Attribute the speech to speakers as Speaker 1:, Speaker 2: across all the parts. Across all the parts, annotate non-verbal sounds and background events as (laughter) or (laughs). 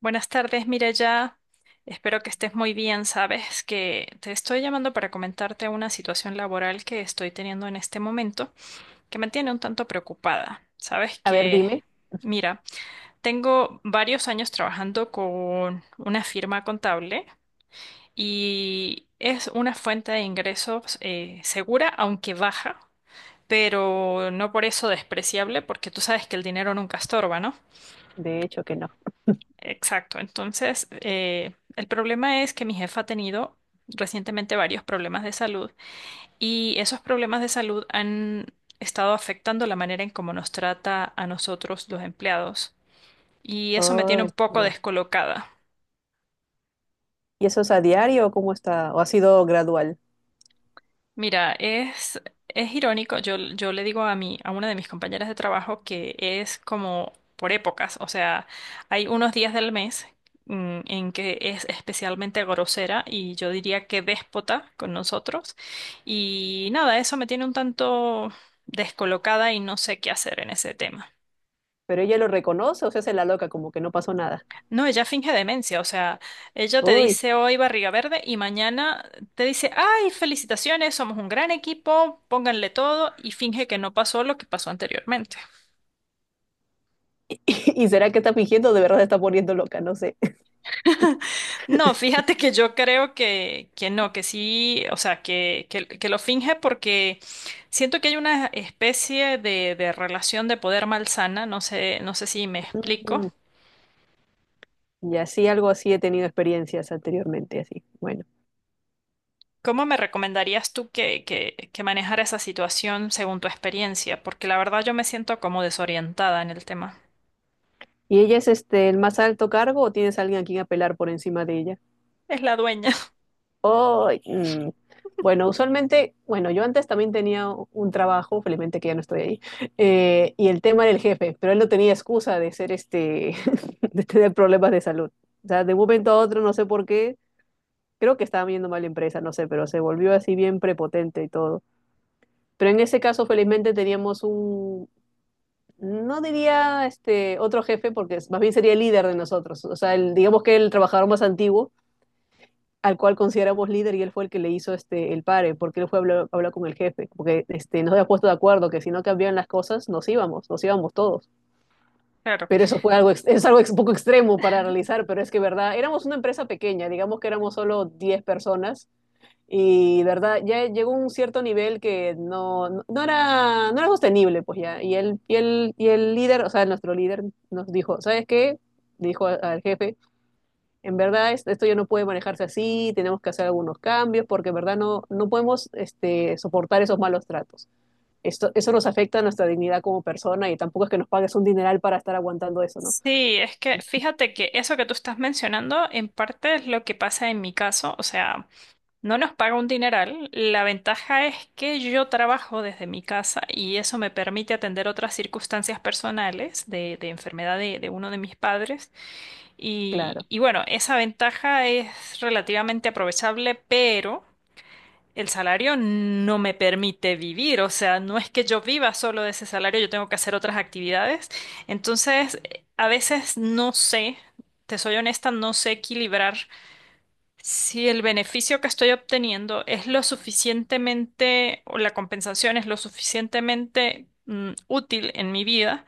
Speaker 1: Buenas tardes, Miraya. Espero que estés muy bien. Sabes que te estoy llamando para comentarte una situación laboral que estoy teniendo en este momento que me tiene un tanto preocupada. Sabes
Speaker 2: A ver,
Speaker 1: que,
Speaker 2: dime.
Speaker 1: mira, tengo varios años trabajando con una firma contable y es una fuente de ingresos segura, aunque baja, pero no por eso despreciable, porque tú sabes que el dinero nunca estorba, ¿no?
Speaker 2: De hecho que no.
Speaker 1: Exacto. Entonces, el problema es que mi jefa ha tenido recientemente varios problemas de salud y esos problemas de salud han estado afectando la manera en cómo nos trata a nosotros los empleados y eso me tiene
Speaker 2: Ay,
Speaker 1: un poco
Speaker 2: ya.
Speaker 1: descolocada.
Speaker 2: ¿Y eso es a diario o cómo está? ¿O ha sido gradual?
Speaker 1: Mira, es irónico, yo le digo a mí, a una de mis compañeras de trabajo que es como por épocas, o sea, hay unos días del mes en que es especialmente grosera y yo diría que déspota con nosotros y nada, eso me tiene un tanto descolocada y no sé qué hacer en ese tema.
Speaker 2: Pero ella lo reconoce o se hace la loca, como que no pasó nada.
Speaker 1: No, ella finge demencia, o sea, ella te
Speaker 2: Uy.
Speaker 1: dice hoy barriga verde y mañana te dice, ay, felicitaciones, somos un gran equipo, pónganle todo y finge que no pasó lo que pasó anteriormente.
Speaker 2: (laughs) ¿Y será que está fingiendo? O de verdad se está poniendo loca, no sé.
Speaker 1: No, fíjate que yo creo que no, que sí, o sea, que lo finge porque siento que hay una especie de relación de poder malsana, no sé, no sé si me explico.
Speaker 2: Mm, y así, algo así he tenido experiencias anteriormente, así. Bueno.
Speaker 1: ¿Cómo me recomendarías tú que manejara esa situación según tu experiencia? Porque la verdad yo me siento como desorientada en el tema.
Speaker 2: ¿Y ella es el más alto cargo o tienes a alguien a quien apelar por encima de ella?
Speaker 1: Es la dueña. (laughs)
Speaker 2: Oh, mm, bueno, usualmente, bueno, yo antes también tenía un trabajo, felizmente que ya no estoy ahí, y el tema del jefe, pero él no tenía excusa de ser (laughs) de tener problemas de salud. O sea, de un momento a otro, no sé por qué, creo que estaba viendo mal la empresa, no sé, pero se volvió así bien prepotente y todo. Pero en ese caso, felizmente teníamos un, no diría otro jefe, porque más bien sería el líder de nosotros, o sea, el, digamos que el trabajador más antiguo al cual consideramos líder, y él fue el que le hizo el pare, porque él fue a hablar con el jefe, porque este, nos había puesto de acuerdo que si no cambiaban las cosas, nos íbamos todos.
Speaker 1: Claro.
Speaker 2: Pero eso fue algo, es algo un poco extremo para realizar, pero es que, verdad, éramos una empresa pequeña, digamos que éramos solo 10 personas, y, verdad, ya llegó un cierto nivel que no era, no era sostenible, pues ya. Y el líder, o sea, nuestro líder nos dijo, ¿sabes qué? Dijo al jefe, en verdad esto ya no puede manejarse así, tenemos que hacer algunos cambios porque en verdad no podemos soportar esos malos tratos. Eso nos afecta a nuestra dignidad como persona y tampoco es que nos pagues un dineral para estar aguantando eso, ¿no?
Speaker 1: Sí, es que fíjate que eso que tú estás mencionando en parte es lo que pasa en mi caso. O sea, no nos paga un dineral. La ventaja es que yo trabajo desde mi casa y eso me permite atender otras circunstancias personales de enfermedad de uno de mis padres.
Speaker 2: Claro.
Speaker 1: Y bueno, esa ventaja es relativamente aprovechable, pero el salario no me permite vivir, o sea, no es que yo viva solo de ese salario, yo tengo que hacer otras actividades. Entonces, a veces no sé, te soy honesta, no sé equilibrar si el beneficio que estoy obteniendo es lo suficientemente, o la compensación es lo suficientemente útil en mi vida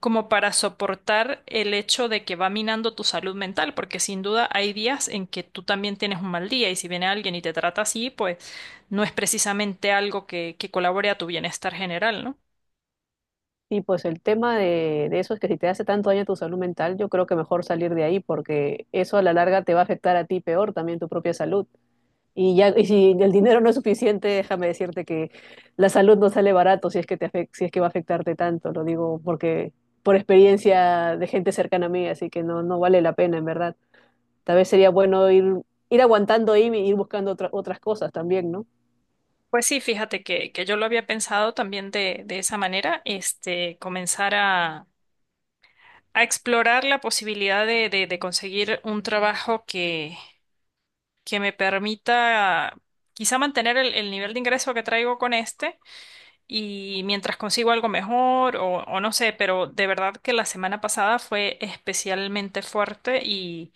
Speaker 1: como para soportar el hecho de que va minando tu salud mental, porque sin duda hay días en que tú también tienes un mal día y si viene alguien y te trata así, pues no es precisamente algo que colabore a tu bienestar general, ¿no?
Speaker 2: Y pues el tema de eso es que si te hace tanto daño tu salud mental, yo creo que mejor salir de ahí porque eso a la larga te va a afectar a ti peor también tu propia salud. Y ya, y si el dinero no es suficiente, déjame decirte que la salud no sale barato, si es que si es que va a afectarte tanto, lo digo porque por experiencia de gente cercana a mí, así que no, no vale la pena en verdad. Tal vez sería bueno ir aguantando ahí y ir buscando otras cosas también, ¿no?
Speaker 1: Pues sí, fíjate que yo lo había pensado también de esa manera, este, comenzar a explorar la posibilidad de conseguir un trabajo que me permita quizá mantener el nivel de ingreso que traigo con este y mientras consigo algo mejor o no sé, pero de verdad que la semana pasada fue especialmente fuerte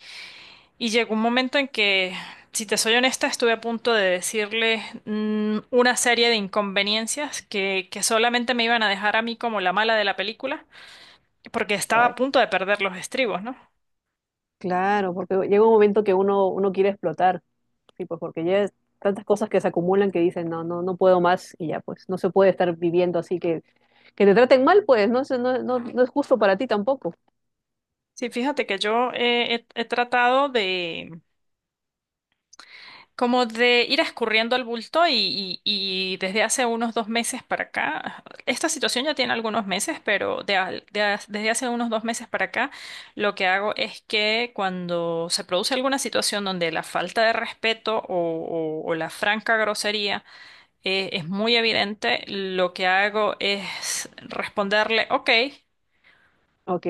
Speaker 1: y llegó un momento en que, si te soy honesta, estuve a punto de decirle una serie de inconveniencias que solamente me iban a dejar a mí como la mala de la película porque estaba a
Speaker 2: Ay,
Speaker 1: punto de perder los estribos, ¿no?
Speaker 2: claro, porque llega un momento que uno quiere explotar, sí, pues porque ya es tantas cosas que se acumulan que dicen, no, no puedo más y ya, pues no se puede estar viviendo así, que te traten mal, pues no, es no, no es justo para ti tampoco.
Speaker 1: Sí, fíjate que yo he tratado de como de ir escurriendo el bulto y desde hace unos dos meses para acá, esta situación ya tiene algunos meses, pero de al- de as- desde hace unos dos meses para acá, lo que hago es que cuando se produce alguna situación donde la falta de respeto o la franca grosería es muy evidente, lo que hago es responderle, ok,
Speaker 2: Ok,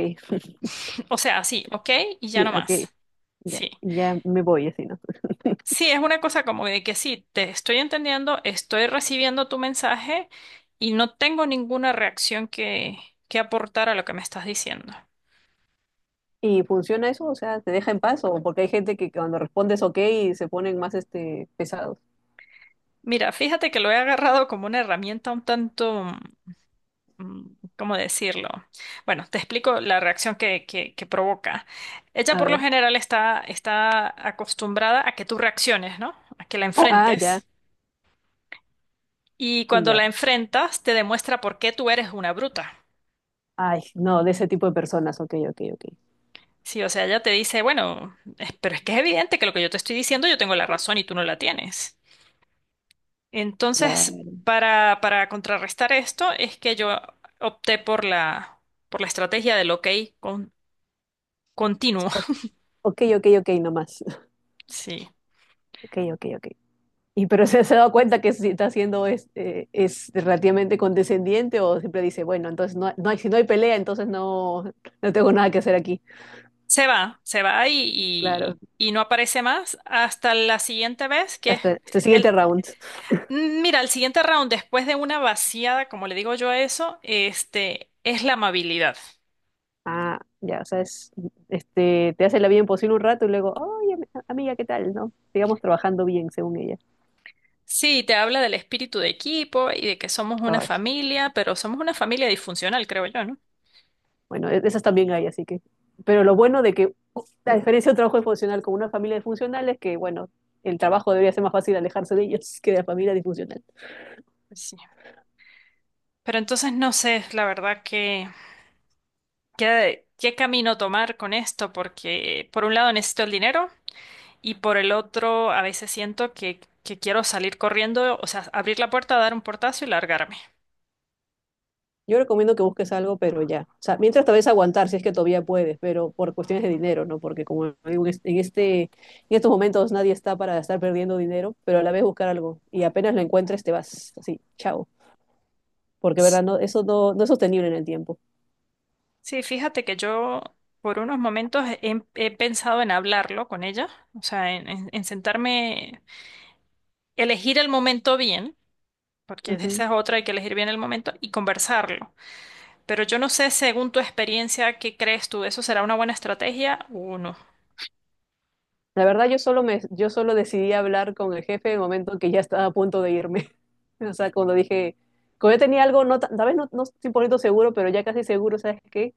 Speaker 1: (laughs) o sea, sí, ok y ya
Speaker 2: sí,
Speaker 1: no
Speaker 2: ok,
Speaker 1: más.
Speaker 2: ya,
Speaker 1: Sí.
Speaker 2: ya me voy así, ¿no? (laughs)
Speaker 1: Sí, es una cosa como de que sí, te estoy entendiendo, estoy recibiendo tu mensaje y no tengo ninguna reacción que aportar a lo que me estás diciendo.
Speaker 2: ¿Y funciona eso? O sea, ¿te deja en paz? ¿O porque hay gente que cuando respondes ok se ponen más pesados?
Speaker 1: Mira, fíjate que lo he agarrado como una herramienta un tanto, mm, ¿cómo decirlo? Bueno, te explico la reacción que provoca. Ella
Speaker 2: A
Speaker 1: por lo
Speaker 2: ver.
Speaker 1: general está acostumbrada a que tú reacciones, ¿no? A que la
Speaker 2: Ah, ya.
Speaker 1: enfrentes. Y
Speaker 2: Y
Speaker 1: cuando
Speaker 2: ya.
Speaker 1: la enfrentas, te demuestra por qué tú eres una bruta.
Speaker 2: Ay, no, de ese tipo de personas. Ok, ok, ok.
Speaker 1: Sí, o sea, ella te dice, bueno, pero es que es evidente que lo que yo te estoy diciendo yo tengo la razón y tú no la tienes.
Speaker 2: La...
Speaker 1: Entonces, para contrarrestar esto es que yo opté por por la estrategia del ok con,
Speaker 2: Sí,
Speaker 1: continuo.
Speaker 2: ok,
Speaker 1: (laughs)
Speaker 2: ok, ok, ok, nomás. (laughs)
Speaker 1: Sí.
Speaker 2: Ok, ok, ok. Pero se ha dado cuenta que si está siendo es relativamente condescendiente, o siempre dice, bueno, entonces no, no hay, si no hay pelea, entonces no, no tengo nada que hacer aquí.
Speaker 1: Se va
Speaker 2: Claro.
Speaker 1: y no aparece más hasta la siguiente vez, que es
Speaker 2: Hasta, hasta el siguiente
Speaker 1: el...
Speaker 2: round.
Speaker 1: Mira, el siguiente round, después de una vaciada, como le digo yo a eso, este, es la amabilidad.
Speaker 2: Ah, ya, o sea, es, te hace la vida imposible un rato y luego, oye, amiga, ¿qué tal? ¿No? Sigamos trabajando bien, según ella.
Speaker 1: Sí, te habla del espíritu de equipo y de que somos una
Speaker 2: Ay,
Speaker 1: familia, pero somos una familia disfuncional, creo yo, ¿no?
Speaker 2: bueno, esas también hay, así que. Pero lo bueno de que la diferencia de un trabajo disfuncional con una familia disfuncional es que, bueno, el trabajo debería ser más fácil alejarse de ellos que de la familia disfuncional.
Speaker 1: Pues sí. Pero entonces no sé, la verdad, que qué camino tomar con esto, porque por un lado necesito el dinero y por el otro a veces siento que quiero salir corriendo, o sea, abrir la puerta, dar un portazo y largarme.
Speaker 2: Yo recomiendo que busques algo, pero ya. O sea, mientras te vez aguantar, si es que todavía puedes, pero por cuestiones de dinero, ¿no? Porque como digo, en en estos momentos nadie está para estar perdiendo dinero, pero a la vez buscar algo. Y apenas lo encuentres, te vas así, chao. Porque,
Speaker 1: S-
Speaker 2: ¿verdad? No, eso no es sostenible en el tiempo.
Speaker 1: Sí, fíjate que yo por unos momentos he pensado en hablarlo con ella, o sea, en sentarme, elegir el momento bien porque
Speaker 2: Ujú.
Speaker 1: esa es otra, hay que elegir bien el momento y conversarlo. Pero yo no sé, según tu experiencia, ¿qué crees tú? ¿Eso será una buena estrategia o no?
Speaker 2: La verdad, yo solo decidí hablar con el jefe en el momento que ya estaba a punto de irme. (laughs) O sea, cuando dije, cuando yo tenía algo, no, tal vez no, no 100 por ciento seguro, pero ya casi seguro, ¿sabes qué?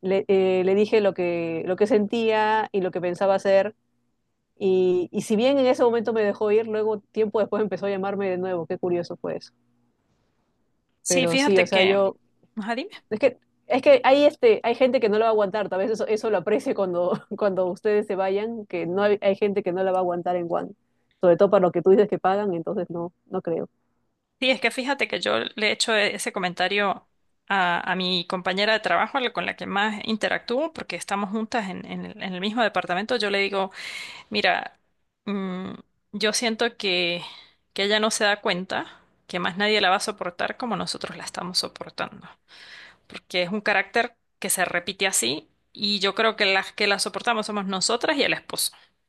Speaker 2: Le dije lo que sentía y lo que pensaba hacer. Y si bien en ese momento me dejó ir, luego tiempo después empezó a llamarme de nuevo. Qué curioso fue eso.
Speaker 1: Sí,
Speaker 2: Pero sí, o
Speaker 1: fíjate
Speaker 2: sea,
Speaker 1: que...
Speaker 2: yo,
Speaker 1: Ajá, dime.
Speaker 2: es que, es que hay, hay gente que no la va a aguantar. Tal vez eso, eso lo aprecie cuando, (laughs) cuando ustedes se vayan, que no hay, hay gente que no la va a aguantar en Juan. Sobre todo para lo que tú dices que pagan, entonces no, no creo.
Speaker 1: Sí, es que fíjate que yo le he hecho ese comentario a mi compañera de trabajo, con la que más interactúo, porque estamos juntas en, en el mismo departamento. Yo le digo, mira, mm, yo siento que ella no se da cuenta que más nadie la va a soportar como nosotros la estamos soportando. Porque es un carácter que se repite así y yo creo que las que la soportamos somos nosotras y el esposo. (laughs)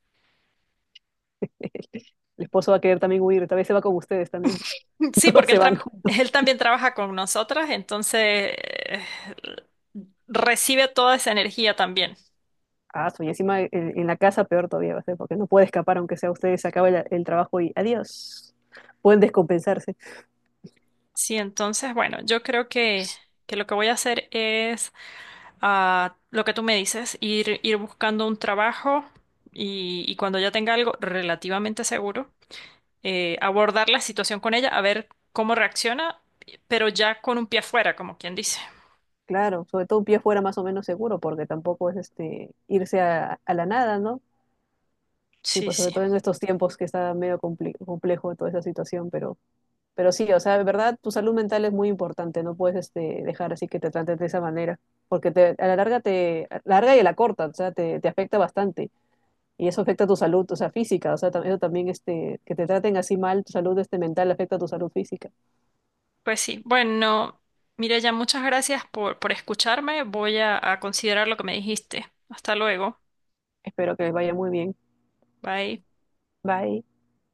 Speaker 2: El esposo va a querer también huir, tal vez se va con ustedes también. (laughs)
Speaker 1: Sí,
Speaker 2: Todos
Speaker 1: porque
Speaker 2: se
Speaker 1: él,
Speaker 2: van.
Speaker 1: (laughs) él también trabaja con nosotras, entonces recibe toda esa energía también.
Speaker 2: Ah, y encima en la casa peor todavía va a ser, porque no puede escapar, aunque sea ustedes, se acabe el trabajo y adiós. Pueden descompensarse.
Speaker 1: Sí, entonces, bueno, yo creo que lo que voy a hacer es lo que tú me dices, ir, ir buscando un trabajo y cuando ya tenga algo relativamente seguro, abordar la situación con ella, a ver cómo reacciona, pero ya con un pie afuera, como quien dice.
Speaker 2: Claro, sobre todo un pie fuera más o menos seguro, porque tampoco es irse a la nada, ¿no? Sí,
Speaker 1: Sí,
Speaker 2: pues sobre
Speaker 1: sí.
Speaker 2: todo en estos tiempos que está medio complejo toda esa situación, pero sí, o sea, de verdad, tu salud mental es muy importante, no puedes dejar así que te trates de esa manera, porque te, a la larga te, a la larga y a la corta, o sea, te afecta bastante. Y eso afecta tu salud, o sea, física, o sea, eso también, que te traten así mal, tu salud mental afecta a tu salud física.
Speaker 1: Pues sí. Bueno, mira ya muchas gracias por escucharme. Voy a considerar lo que me dijiste. Hasta luego.
Speaker 2: Espero que les vaya muy bien.
Speaker 1: Bye.
Speaker 2: Bye.